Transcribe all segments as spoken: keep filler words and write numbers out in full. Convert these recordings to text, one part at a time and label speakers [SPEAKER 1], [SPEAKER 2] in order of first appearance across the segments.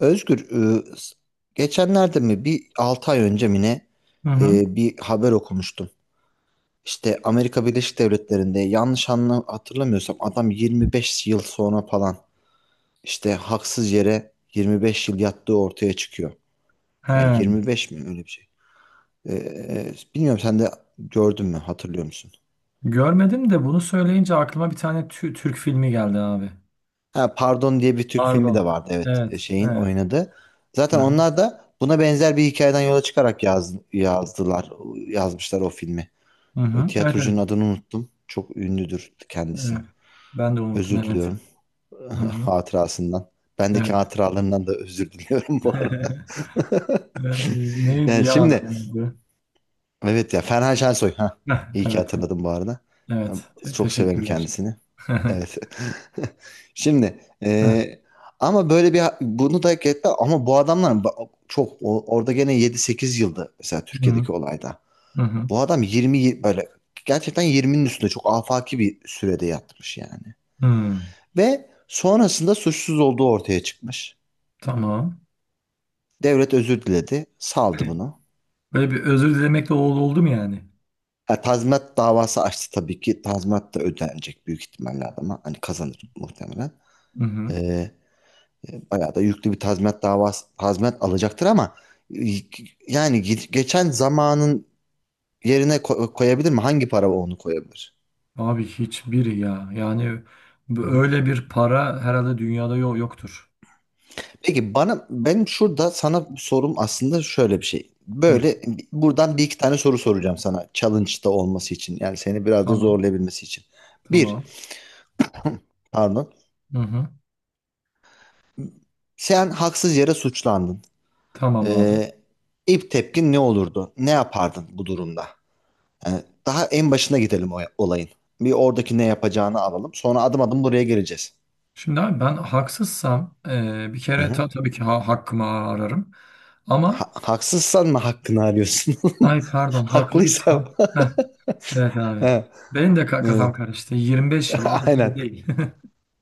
[SPEAKER 1] Özgür, e, s- geçenlerde mi bir altı ay önce mi ne
[SPEAKER 2] Hı hı.
[SPEAKER 1] e, bir haber okumuştum. İşte Amerika Birleşik Devletleri'nde yanlış anla hatırlamıyorsam adam yirmi beş yıl sonra falan, işte haksız yere yirmi beş yıl yattığı ortaya çıkıyor. Yani
[SPEAKER 2] He,
[SPEAKER 1] yirmi beş mi, öyle bir şey. E, e, bilmiyorum sen de gördün mü, hatırlıyor musun?
[SPEAKER 2] görmedim de bunu söyleyince aklıma bir tane tü- Türk filmi geldi abi.
[SPEAKER 1] Ha, Pardon diye bir Türk filmi de
[SPEAKER 2] Pardon.
[SPEAKER 1] vardı, evet.
[SPEAKER 2] Evet,
[SPEAKER 1] E, şeyin
[SPEAKER 2] evet.
[SPEAKER 1] oynadı.
[SPEAKER 2] Hı
[SPEAKER 1] Zaten
[SPEAKER 2] hı.
[SPEAKER 1] onlar da buna benzer bir hikayeden yola çıkarak yaz, yazdılar, yazmışlar o filmi.
[SPEAKER 2] Hı
[SPEAKER 1] E,
[SPEAKER 2] hı. Evet, evet.
[SPEAKER 1] Tiyatrocunun adını unuttum. Çok ünlüdür kendisi.
[SPEAKER 2] Evet. Ben de unuttum,
[SPEAKER 1] Özür
[SPEAKER 2] evet.
[SPEAKER 1] diliyorum
[SPEAKER 2] Hı hı.
[SPEAKER 1] hatırasından. Bendeki
[SPEAKER 2] Evet.
[SPEAKER 1] hatıralarından da özür diliyorum bu arada.
[SPEAKER 2] Ne- Neydi
[SPEAKER 1] Yani
[SPEAKER 2] ya, ben
[SPEAKER 1] şimdi,
[SPEAKER 2] unuttum.
[SPEAKER 1] evet ya, Ferhan Şensoy. Ha,
[SPEAKER 2] Evet.
[SPEAKER 1] iyi ki
[SPEAKER 2] Evet.
[SPEAKER 1] hatırladım bu arada. Ben
[SPEAKER 2] Evet. Te-
[SPEAKER 1] Çok severim
[SPEAKER 2] teşekkürler.
[SPEAKER 1] kendisini. Evet. Şimdi,
[SPEAKER 2] Hı hı.
[SPEAKER 1] e, ama böyle bir, bunu da hak etti ama bu adamlar ba- çok o- orada gene yedi sekiz yıldı mesela Türkiye'deki olayda.
[SPEAKER 2] Hı hı.
[SPEAKER 1] Bu adam yirmi, böyle gerçekten yirminin üstünde çok afaki bir sürede yatmış yani.
[SPEAKER 2] Hı.
[SPEAKER 1] Ve sonrasında suçsuz olduğu ortaya çıkmış.
[SPEAKER 2] Tamam.
[SPEAKER 1] Devlet özür diledi, saldı bunu.
[SPEAKER 2] Böyle bir özür dilemek de oldu oldu mu yani?
[SPEAKER 1] E, tazminat davası açtı tabii ki. Tazminat da ödenecek büyük ihtimalle adama. Hani kazanır muhtemelen.
[SPEAKER 2] Hı hı.
[SPEAKER 1] E, e, Bayağı da yüklü bir tazminat davası tazminat alacaktır ama e, yani ge- geçen zamanın yerine ko- koyabilir mi? Hangi para onu koyabilir?
[SPEAKER 2] Abi hiçbiri ya. Yani bu-
[SPEAKER 1] Hı
[SPEAKER 2] öyle bir para herhalde dünyada yok yoktur.
[SPEAKER 1] Peki bana, benim şurada sana sorum aslında şöyle bir şey.
[SPEAKER 2] Hı,
[SPEAKER 1] Böyle buradan bir iki tane soru soracağım sana, challenge'da olması için. Yani seni biraz da
[SPEAKER 2] tamam,
[SPEAKER 1] zorlayabilmesi için. Bir,
[SPEAKER 2] tamam.
[SPEAKER 1] pardon.
[SPEAKER 2] Hı hı,
[SPEAKER 1] Sen haksız yere suçlandın.
[SPEAKER 2] tamam abi.
[SPEAKER 1] Ee, ilk tepkin ne olurdu? Ne yapardın bu durumda? Yani daha en başına gidelim o olayın. Bir oradaki ne yapacağını alalım. Sonra adım adım buraya geleceğiz.
[SPEAKER 2] Şimdi abi, ben haksızsam, e, bir
[SPEAKER 1] Hı
[SPEAKER 2] kere
[SPEAKER 1] hı.
[SPEAKER 2] ta- tabii ki ha- hakkımı ararım.
[SPEAKER 1] Ha-
[SPEAKER 2] Ama
[SPEAKER 1] haksızsan mı hakkını arıyorsun?
[SPEAKER 2] ay pardon,
[SPEAKER 1] Haklıysa.
[SPEAKER 2] haklıysam. Heh, evet abi.
[SPEAKER 1] Ha,
[SPEAKER 2] Benim de ka-
[SPEAKER 1] evet.
[SPEAKER 2] kafam karıştı. Yirmi beş yıl az az
[SPEAKER 1] Aynen.
[SPEAKER 2] değil.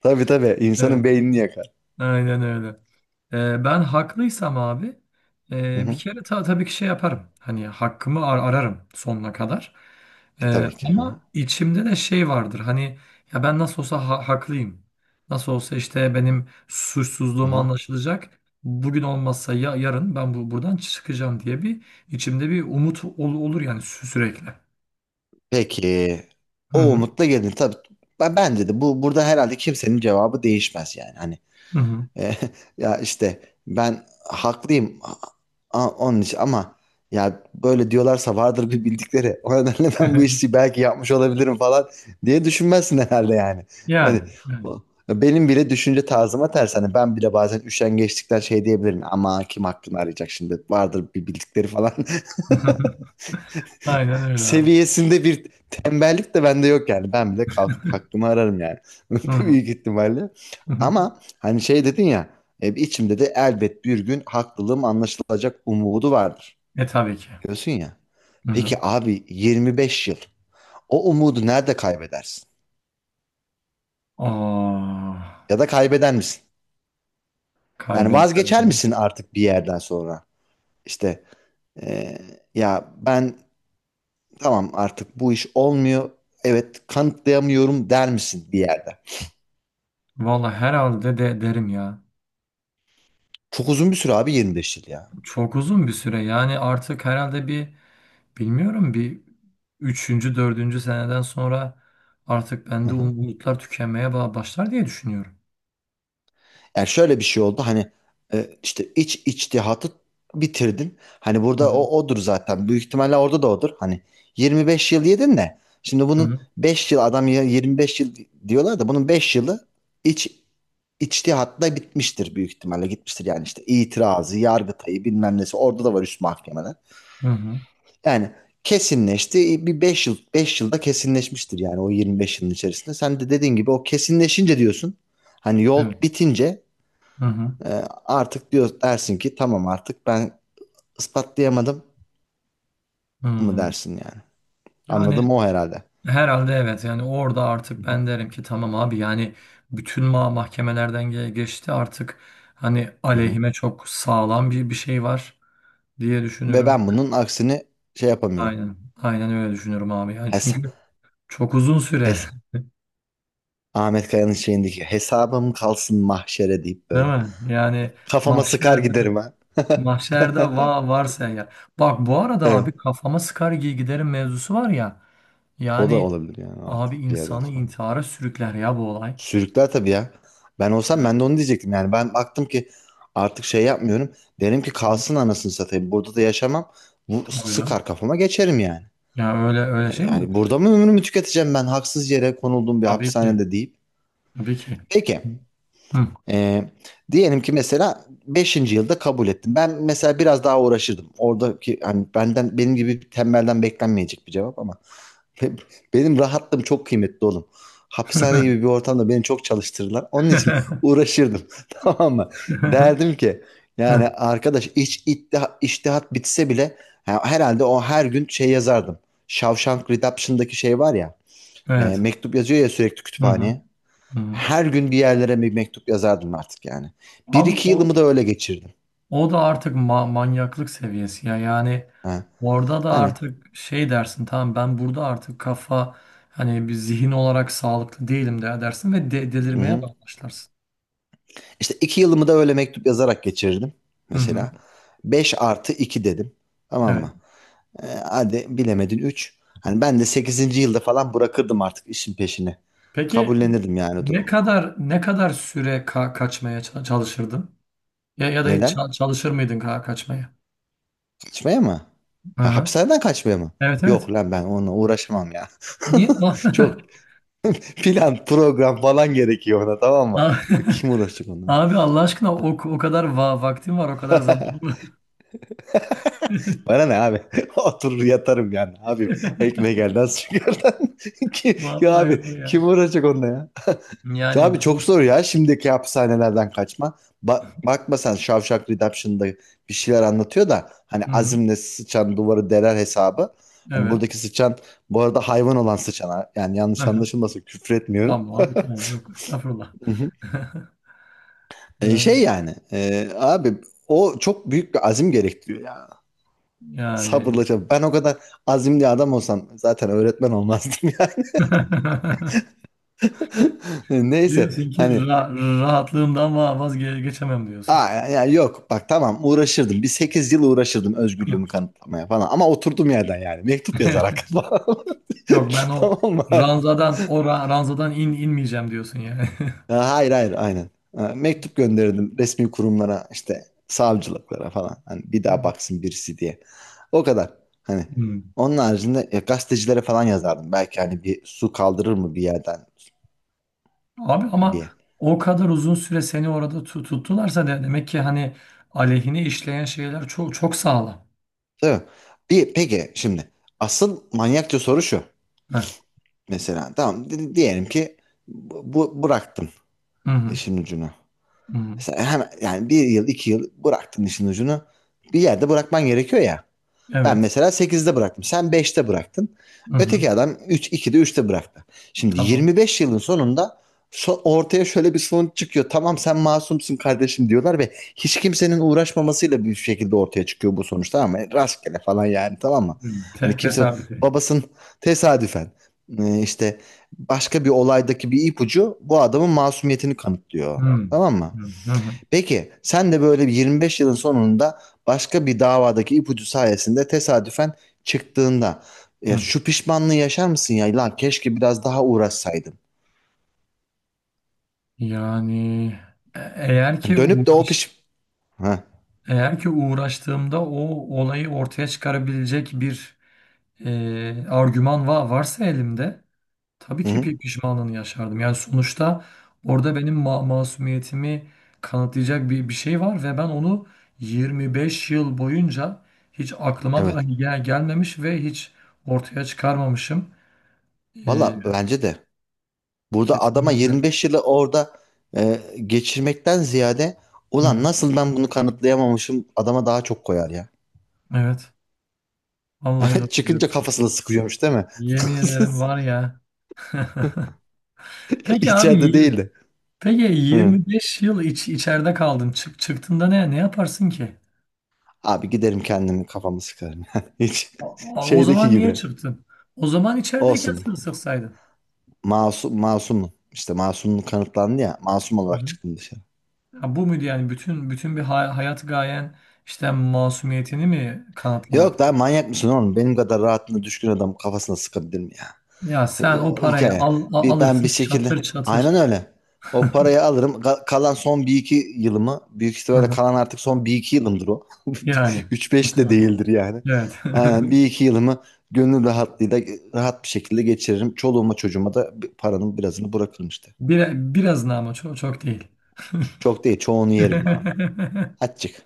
[SPEAKER 1] Tabii, tabii.
[SPEAKER 2] Evet.
[SPEAKER 1] insanın beynini yakar.
[SPEAKER 2] Aynen öyle. Ee, ben haklıysam abi,
[SPEAKER 1] Hı
[SPEAKER 2] e, bir
[SPEAKER 1] hı.
[SPEAKER 2] kere, ta, tabii ki şey yaparım. Hani hakkımı ar- ararım sonuna kadar. Ee,
[SPEAKER 1] E, tabii ki. Hı hı.
[SPEAKER 2] ama içimde de şey vardır. Hani, ya ben nasıl olsa ha- haklıyım. Nasıl olsa işte benim
[SPEAKER 1] Hı
[SPEAKER 2] suçsuzluğum
[SPEAKER 1] hı.
[SPEAKER 2] anlaşılacak. Bugün olmazsa ya yarın ben bu buradan çıkacağım diye bir içimde bir umut ol- olur yani, sü- sürekli.
[SPEAKER 1] Peki.
[SPEAKER 2] Hı
[SPEAKER 1] O
[SPEAKER 2] hı.
[SPEAKER 1] umutla gelin. Tabii. Ben, bence de, Bu, burada herhalde kimsenin cevabı değişmez yani. Hani,
[SPEAKER 2] Hı hı.
[SPEAKER 1] e, ya işte, ben haklıyım. A- Onun için ama ya böyle diyorlarsa, vardır bir bildikleri. O nedenle ben bu işi belki yapmış olabilirim falan diye düşünmezsin herhalde yani.
[SPEAKER 2] Yani.
[SPEAKER 1] Hani
[SPEAKER 2] Yani.
[SPEAKER 1] o- benim bile düşünce tarzıma ters. Hani ben bile bazen üşengeçlikten şey diyebilirim. Ama kim aklını arayacak şimdi? Vardır bir bildikleri falan.
[SPEAKER 2] Aynen öyle abi.
[SPEAKER 1] seviyesinde bir tembellik de bende yok yani. Ben bile kalkıp hakkımı ararım yani.
[SPEAKER 2] Hı hı.
[SPEAKER 1] Büyük ihtimalle.
[SPEAKER 2] Hı hı.
[SPEAKER 1] Ama hani şey dedin ya, e, içimde de elbet bir gün haklılığım anlaşılacak umudu vardır.
[SPEAKER 2] E tabii ki.
[SPEAKER 1] Diyorsun ya.
[SPEAKER 2] Hı
[SPEAKER 1] Peki
[SPEAKER 2] hı.
[SPEAKER 1] abi, yirmi beş yıl o umudu nerede kaybedersin?
[SPEAKER 2] Ah,
[SPEAKER 1] Ya da kaybeder misin? Yani vazgeçer
[SPEAKER 2] kaybederim.
[SPEAKER 1] misin artık bir yerden sonra? İşte, e, ya ben, tamam artık bu iş olmuyor, evet kanıtlayamıyorum der misin bir yerde?
[SPEAKER 2] Valla herhalde de derim ya.
[SPEAKER 1] Çok uzun bir süre abi, yirmi beş yıl ya.
[SPEAKER 2] Çok uzun bir süre yani, artık herhalde bir, bilmiyorum, bir üçüncü, dördüncü seneden sonra artık
[SPEAKER 1] Hı
[SPEAKER 2] bende
[SPEAKER 1] hı.
[SPEAKER 2] um- umutlar tükenmeye ba- başlar diye düşünüyorum.
[SPEAKER 1] Yani şöyle bir şey oldu, hani e, işte iç içtihatı bitirdim. Hani
[SPEAKER 2] Hı
[SPEAKER 1] burada
[SPEAKER 2] hı.
[SPEAKER 1] o odur zaten. Büyük ihtimalle orada da odur. Hani yirmi beş yıl yedin de, şimdi
[SPEAKER 2] Hı
[SPEAKER 1] bunun
[SPEAKER 2] hı.
[SPEAKER 1] beş yıl adam ya yirmi beş yıl diyorlar da bunun beş yılı iç içtihatla bitmiştir büyük ihtimalle, gitmiştir. Yani işte itirazı, yargıtayı bilmem nesi, orada da var üst mahkemeler.
[SPEAKER 2] Hı hı.
[SPEAKER 1] Yani kesinleşti. E, Bir beş yıl beş yılda kesinleşmiştir yani, o yirmi beş yılın içerisinde. Sen de dediğin gibi o kesinleşince diyorsun. Hani yol
[SPEAKER 2] Evet.
[SPEAKER 1] bitince,
[SPEAKER 2] Hı hı.
[SPEAKER 1] e, artık diyor dersin ki tamam artık ben ispatlayamadım mı
[SPEAKER 2] Hı.
[SPEAKER 1] dersin yani. Anladım,
[SPEAKER 2] Yani
[SPEAKER 1] o herhalde.
[SPEAKER 2] herhalde, evet yani, orada artık ben derim ki tamam abi, yani bütün ma mahkemelerden ge- geçti artık, hani
[SPEAKER 1] Hı hı.
[SPEAKER 2] aleyhime çok sağlam bir bir şey var. Diye
[SPEAKER 1] Ve
[SPEAKER 2] düşünürüm.
[SPEAKER 1] ben bunun aksini şey yapamıyorum.
[SPEAKER 2] Aynen. Aynen öyle düşünüyorum abi. Yani
[SPEAKER 1] Hes
[SPEAKER 2] çünkü çok uzun süre
[SPEAKER 1] hes Ahmet Kaya'nın şeyindeki hesabım kalsın mahşere deyip
[SPEAKER 2] değil
[SPEAKER 1] böyle
[SPEAKER 2] mi? Yani
[SPEAKER 1] kafama sıkar
[SPEAKER 2] mahşerde,
[SPEAKER 1] giderim ha.
[SPEAKER 2] mahşerde va varsa ya. Bak bu arada abi,
[SPEAKER 1] Evet.
[SPEAKER 2] kafama sıkar gi- giderim mevzusu var ya.
[SPEAKER 1] O da
[SPEAKER 2] Yani
[SPEAKER 1] olabilir yani artık
[SPEAKER 2] abi,
[SPEAKER 1] bir yerden
[SPEAKER 2] insanı
[SPEAKER 1] sonra.
[SPEAKER 2] intihara sürükler ya bu olay.
[SPEAKER 1] Sürükler tabii ya. Ben olsam
[SPEAKER 2] Evet.
[SPEAKER 1] ben de onu diyecektim. Yani ben baktım ki artık şey yapmıyorum, derim ki kalsın anasını satayım. Burada da yaşamam. Bu
[SPEAKER 2] Tabii canım.
[SPEAKER 1] sıkar kafama, geçerim yani.
[SPEAKER 2] Ya öyle öyle şey
[SPEAKER 1] E,
[SPEAKER 2] mi olur?
[SPEAKER 1] Yani burada mı ömrümü tüketeceğim, ben haksız yere konulduğum bir
[SPEAKER 2] Tabii ki.
[SPEAKER 1] hapishanede, deyip.
[SPEAKER 2] Tabii ki.
[SPEAKER 1] Peki.
[SPEAKER 2] Hı.
[SPEAKER 1] e, diyelim ki mesela beşinci yılda kabul ettim. Ben mesela biraz daha uğraşırdım. Oradaki hani, benden, benim gibi bir tembelden beklenmeyecek bir cevap ama. Be- Benim rahatlığım çok kıymetli oğlum. Hapishane gibi bir ortamda beni çok çalıştırırlar. Onun için uğraşırdım. Tamam mı? Derdim ki yani, arkadaş iç iddia- iştihat bitse bile ha, herhalde o her gün şey yazardım. Shawshank Redemption'daki şey var ya. e,
[SPEAKER 2] Evet.
[SPEAKER 1] mektup yazıyor ya sürekli
[SPEAKER 2] Hı hı.
[SPEAKER 1] kütüphaneye.
[SPEAKER 2] Hı hı.
[SPEAKER 1] Her gün bir yerlere bir mektup yazardım artık yani. Bir
[SPEAKER 2] Abi
[SPEAKER 1] iki
[SPEAKER 2] o
[SPEAKER 1] yılımı da öyle geçirdim.
[SPEAKER 2] o da artık ma- manyaklık seviyesi ya yani,
[SPEAKER 1] Ha.
[SPEAKER 2] orada da
[SPEAKER 1] Hani,
[SPEAKER 2] artık şey dersin, tamam ben burada artık kafa, hani bir zihin olarak sağlıklı değilim de dersin ve de- delirmeye
[SPEAKER 1] hı.
[SPEAKER 2] başlarsın.
[SPEAKER 1] İşte iki yılımı da öyle mektup yazarak geçirirdim
[SPEAKER 2] Hı hı.
[SPEAKER 1] mesela. Beş artı iki dedim. Tamam
[SPEAKER 2] Evet.
[SPEAKER 1] mı? Ee, hadi bilemedin üç. Hani ben de sekizinci yılda falan bırakırdım artık işin peşini.
[SPEAKER 2] Peki
[SPEAKER 1] Kabullenirdim yani
[SPEAKER 2] ne
[SPEAKER 1] durumu.
[SPEAKER 2] kadar ne kadar süre ka- kaçmaya ça- çalışırdın? Ya ya da hiç
[SPEAKER 1] Neden?
[SPEAKER 2] ça- çalışır mıydın ka- kaçmaya?
[SPEAKER 1] Kaçmaya mı?
[SPEAKER 2] Hı
[SPEAKER 1] Ha,
[SPEAKER 2] hı.
[SPEAKER 1] hapishaneden kaçmaya mı?
[SPEAKER 2] Evet evet.
[SPEAKER 1] Yok lan, ben onunla uğraşamam ya.
[SPEAKER 2] Niye?
[SPEAKER 1] Çok plan, program falan gerekiyor ona, tamam mı? Kim uğraşacak onunla?
[SPEAKER 2] Abi Allah aşkına, o, o kadar va vaktin var, o kadar zamanın var.
[SPEAKER 1] Bana ne abi? Oturur yatarım yani. Abim, ekmek elden su gölden. Ki, ya abi,
[SPEAKER 2] Vallahi var
[SPEAKER 1] kim
[SPEAKER 2] ya.
[SPEAKER 1] uğraşacak onunla ya? Ya
[SPEAKER 2] Yani
[SPEAKER 1] abi çok
[SPEAKER 2] bu-
[SPEAKER 1] zor ya, şimdiki hapishanelerden kaçma. Bak, bakma sen, Shawshank Redemption'da bir şeyler anlatıyor da hani,
[SPEAKER 2] hı hı,
[SPEAKER 1] azimle sıçan duvarı deler hesabı. Hani
[SPEAKER 2] evet.
[SPEAKER 1] buradaki sıçan, bu arada hayvan olan sıçan ha. Yani
[SPEAKER 2] Hı
[SPEAKER 1] yanlış
[SPEAKER 2] hı.
[SPEAKER 1] anlaşılmasın, küfür etmiyorum.
[SPEAKER 2] Tamam abi tamam, yok estağfurullah.
[SPEAKER 1] Hı hı. E,
[SPEAKER 2] Evet,
[SPEAKER 1] şey yani, e, abi, o çok büyük bir azim gerektiriyor ya.
[SPEAKER 2] yani
[SPEAKER 1] Sabırla çalış. Ben o kadar azimli adam olsam zaten öğretmen olmazdım yani. Neyse
[SPEAKER 2] diyorsun ki
[SPEAKER 1] hani,
[SPEAKER 2] ra rahatlığımdan va- vazgeçemem diyorsun.
[SPEAKER 1] aa, ya yok bak, tamam uğraşırdım. Bir sekiz yıl uğraşırdım özgürlüğümü kanıtlamaya falan. Ama oturdum yerden yani. Mektup yazarak falan.
[SPEAKER 2] Yok, ben o
[SPEAKER 1] Tamam mı?
[SPEAKER 2] ranzadan o ra- ranzadan in inmeyeceğim diyorsun yani.
[SPEAKER 1] Ya, hayır hayır aynen. Ha, mektup gönderirdim resmi kurumlara, işte savcılıklara falan. Hani bir daha
[SPEAKER 2] Hmm.
[SPEAKER 1] baksın birisi diye. O kadar. Hani
[SPEAKER 2] Hmm.
[SPEAKER 1] onun haricinde ya, gazetecilere falan yazardım. Belki hani bir su kaldırır mı bir yerden
[SPEAKER 2] Abi ama
[SPEAKER 1] diye.
[SPEAKER 2] o kadar uzun süre seni orada tu- tuttularsa, de demek ki hani aleyhine işleyen şeyler çok çok sağlam.
[SPEAKER 1] Tabii. Bir, peki şimdi asıl manyakça soru şu.
[SPEAKER 2] Heh.
[SPEAKER 1] Mesela tamam, di- diyelim ki bu, bu- bıraktın
[SPEAKER 2] Hı hı.
[SPEAKER 1] işin ucunu.
[SPEAKER 2] Hı hı.
[SPEAKER 1] Mesela hemen yani, bir yıl iki yıl bıraktın işin ucunu. Bir yerde bırakman gerekiyor ya. Ben
[SPEAKER 2] Evet.
[SPEAKER 1] mesela sekizde bıraktım. Sen beşte bıraktın.
[SPEAKER 2] Hı hı.
[SPEAKER 1] Öteki adam üç, ikide, üçte bıraktı. Şimdi
[SPEAKER 2] Tamam.
[SPEAKER 1] yirmi beş yılın sonunda, so- ortaya şöyle bir sonuç çıkıyor. Tamam, sen masumsun kardeşim diyorlar ve hiç kimsenin uğraşmamasıyla bir şekilde ortaya çıkıyor bu sonuçta, ama rastgele falan yani, tamam mı?
[SPEAKER 2] Hmm, te-
[SPEAKER 1] Hani kimse
[SPEAKER 2] tesadüfi.
[SPEAKER 1] babasının tesadüfen, e, işte başka bir olaydaki bir ipucu bu adamın masumiyetini kanıtlıyor.
[SPEAKER 2] Hmm,
[SPEAKER 1] Tamam mı?
[SPEAKER 2] hmm, hı hı,
[SPEAKER 1] Peki sen de böyle bir yirmi beş yılın sonunda başka bir davadaki ipucu sayesinde tesadüfen çıktığında, ya
[SPEAKER 2] hı.
[SPEAKER 1] şu pişmanlığı yaşar mısın ya? Lan keşke biraz daha uğraşsaydım.
[SPEAKER 2] Yani, e- eğer
[SPEAKER 1] Hani
[SPEAKER 2] ki
[SPEAKER 1] Dönüp de o
[SPEAKER 2] uğraş,
[SPEAKER 1] piş... Ha,
[SPEAKER 2] eğer ki uğraştığımda o olayı ortaya çıkarabilecek bir, e, argüman va varsa elimde, tabii
[SPEAKER 1] hı
[SPEAKER 2] ki
[SPEAKER 1] hı,
[SPEAKER 2] pi- pişmanlığını yaşardım. Yani sonuçta orada benim ma masumiyetimi kanıtlayacak bir, bir şey var ve ben onu yirmi beş yıl boyunca hiç aklıma
[SPEAKER 1] evet.
[SPEAKER 2] dahi gel gelmemiş ve hiç ortaya çıkarmamışım. E,
[SPEAKER 1] Valla bence de. Burada adama
[SPEAKER 2] kesinlikle.
[SPEAKER 1] yirmi beş yılı orada e, geçirmekten ziyade,
[SPEAKER 2] Hı
[SPEAKER 1] ulan
[SPEAKER 2] hı.
[SPEAKER 1] nasıl ben bunu kanıtlayamamışım, adama daha çok koyar ya.
[SPEAKER 2] Evet. Vallahi doğru
[SPEAKER 1] Çıkınca
[SPEAKER 2] diyorsun.
[SPEAKER 1] kafasına sıkıyormuş değil mi?
[SPEAKER 2] Yemin ederim, var ya. Peki abi
[SPEAKER 1] İçeride
[SPEAKER 2] yir-
[SPEAKER 1] değildi.
[SPEAKER 2] Peki
[SPEAKER 1] Hı.
[SPEAKER 2] yirmi beş yıl iç, içeride kaldın. Çık, çıktığında ne ne yaparsın ki?
[SPEAKER 1] Abi giderim kendimi kafamı sıkarım. Hiç
[SPEAKER 2] A- O
[SPEAKER 1] şeydeki
[SPEAKER 2] zaman niye
[SPEAKER 1] gibi.
[SPEAKER 2] çıktın? O zaman içerideyken
[SPEAKER 1] Olsun.
[SPEAKER 2] sır sıksaydın.
[SPEAKER 1] Masum, masumum. İşte masumluk kanıtlandı ya. Masum
[SPEAKER 2] Hı
[SPEAKER 1] olarak
[SPEAKER 2] hı.
[SPEAKER 1] çıktım dışarı.
[SPEAKER 2] Ha, bu muydu yani, bütün bütün bir hay- hayat gayen işte masumiyetini mi
[SPEAKER 1] Yok
[SPEAKER 2] kanıtlamaktı?
[SPEAKER 1] lan, manyak mısın oğlum? Benim kadar rahatına düşkün adam kafasına sıkabilir mi ya?
[SPEAKER 2] Ya sen o
[SPEAKER 1] O
[SPEAKER 2] parayı
[SPEAKER 1] hikaye.
[SPEAKER 2] al, a-
[SPEAKER 1] Bir, ben bir
[SPEAKER 2] alırsın
[SPEAKER 1] şekilde
[SPEAKER 2] çatır çatır.
[SPEAKER 1] aynen öyle. O parayı alırım. Ka- kalan son bir iki yılımı büyük
[SPEAKER 2] Hı
[SPEAKER 1] ihtimalle,
[SPEAKER 2] hı.
[SPEAKER 1] kalan artık son bir iki yılımdır o.
[SPEAKER 2] Yani.
[SPEAKER 1] Üç beş de
[SPEAKER 2] Öyle.
[SPEAKER 1] değildir yani.
[SPEAKER 2] Evet.
[SPEAKER 1] Aynen bir iki yılımı gönül rahatlığıyla, rahat bir şekilde geçiririm. Çoluğuma çocuğuma da bir- paranın birazını bırakırım işte.
[SPEAKER 2] Bir biraz ne ama, çok çok değil.
[SPEAKER 1] Çok değil, çoğunu yerim abi. Açık.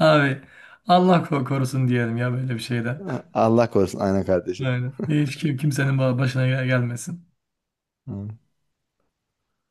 [SPEAKER 2] Abi Allah ko- korusun diyelim ya böyle bir şeyden.
[SPEAKER 1] Allah korusun, aynen kardeşim.
[SPEAKER 2] Yani hiç kim, kimsenin ba- başına gel- gelmesin.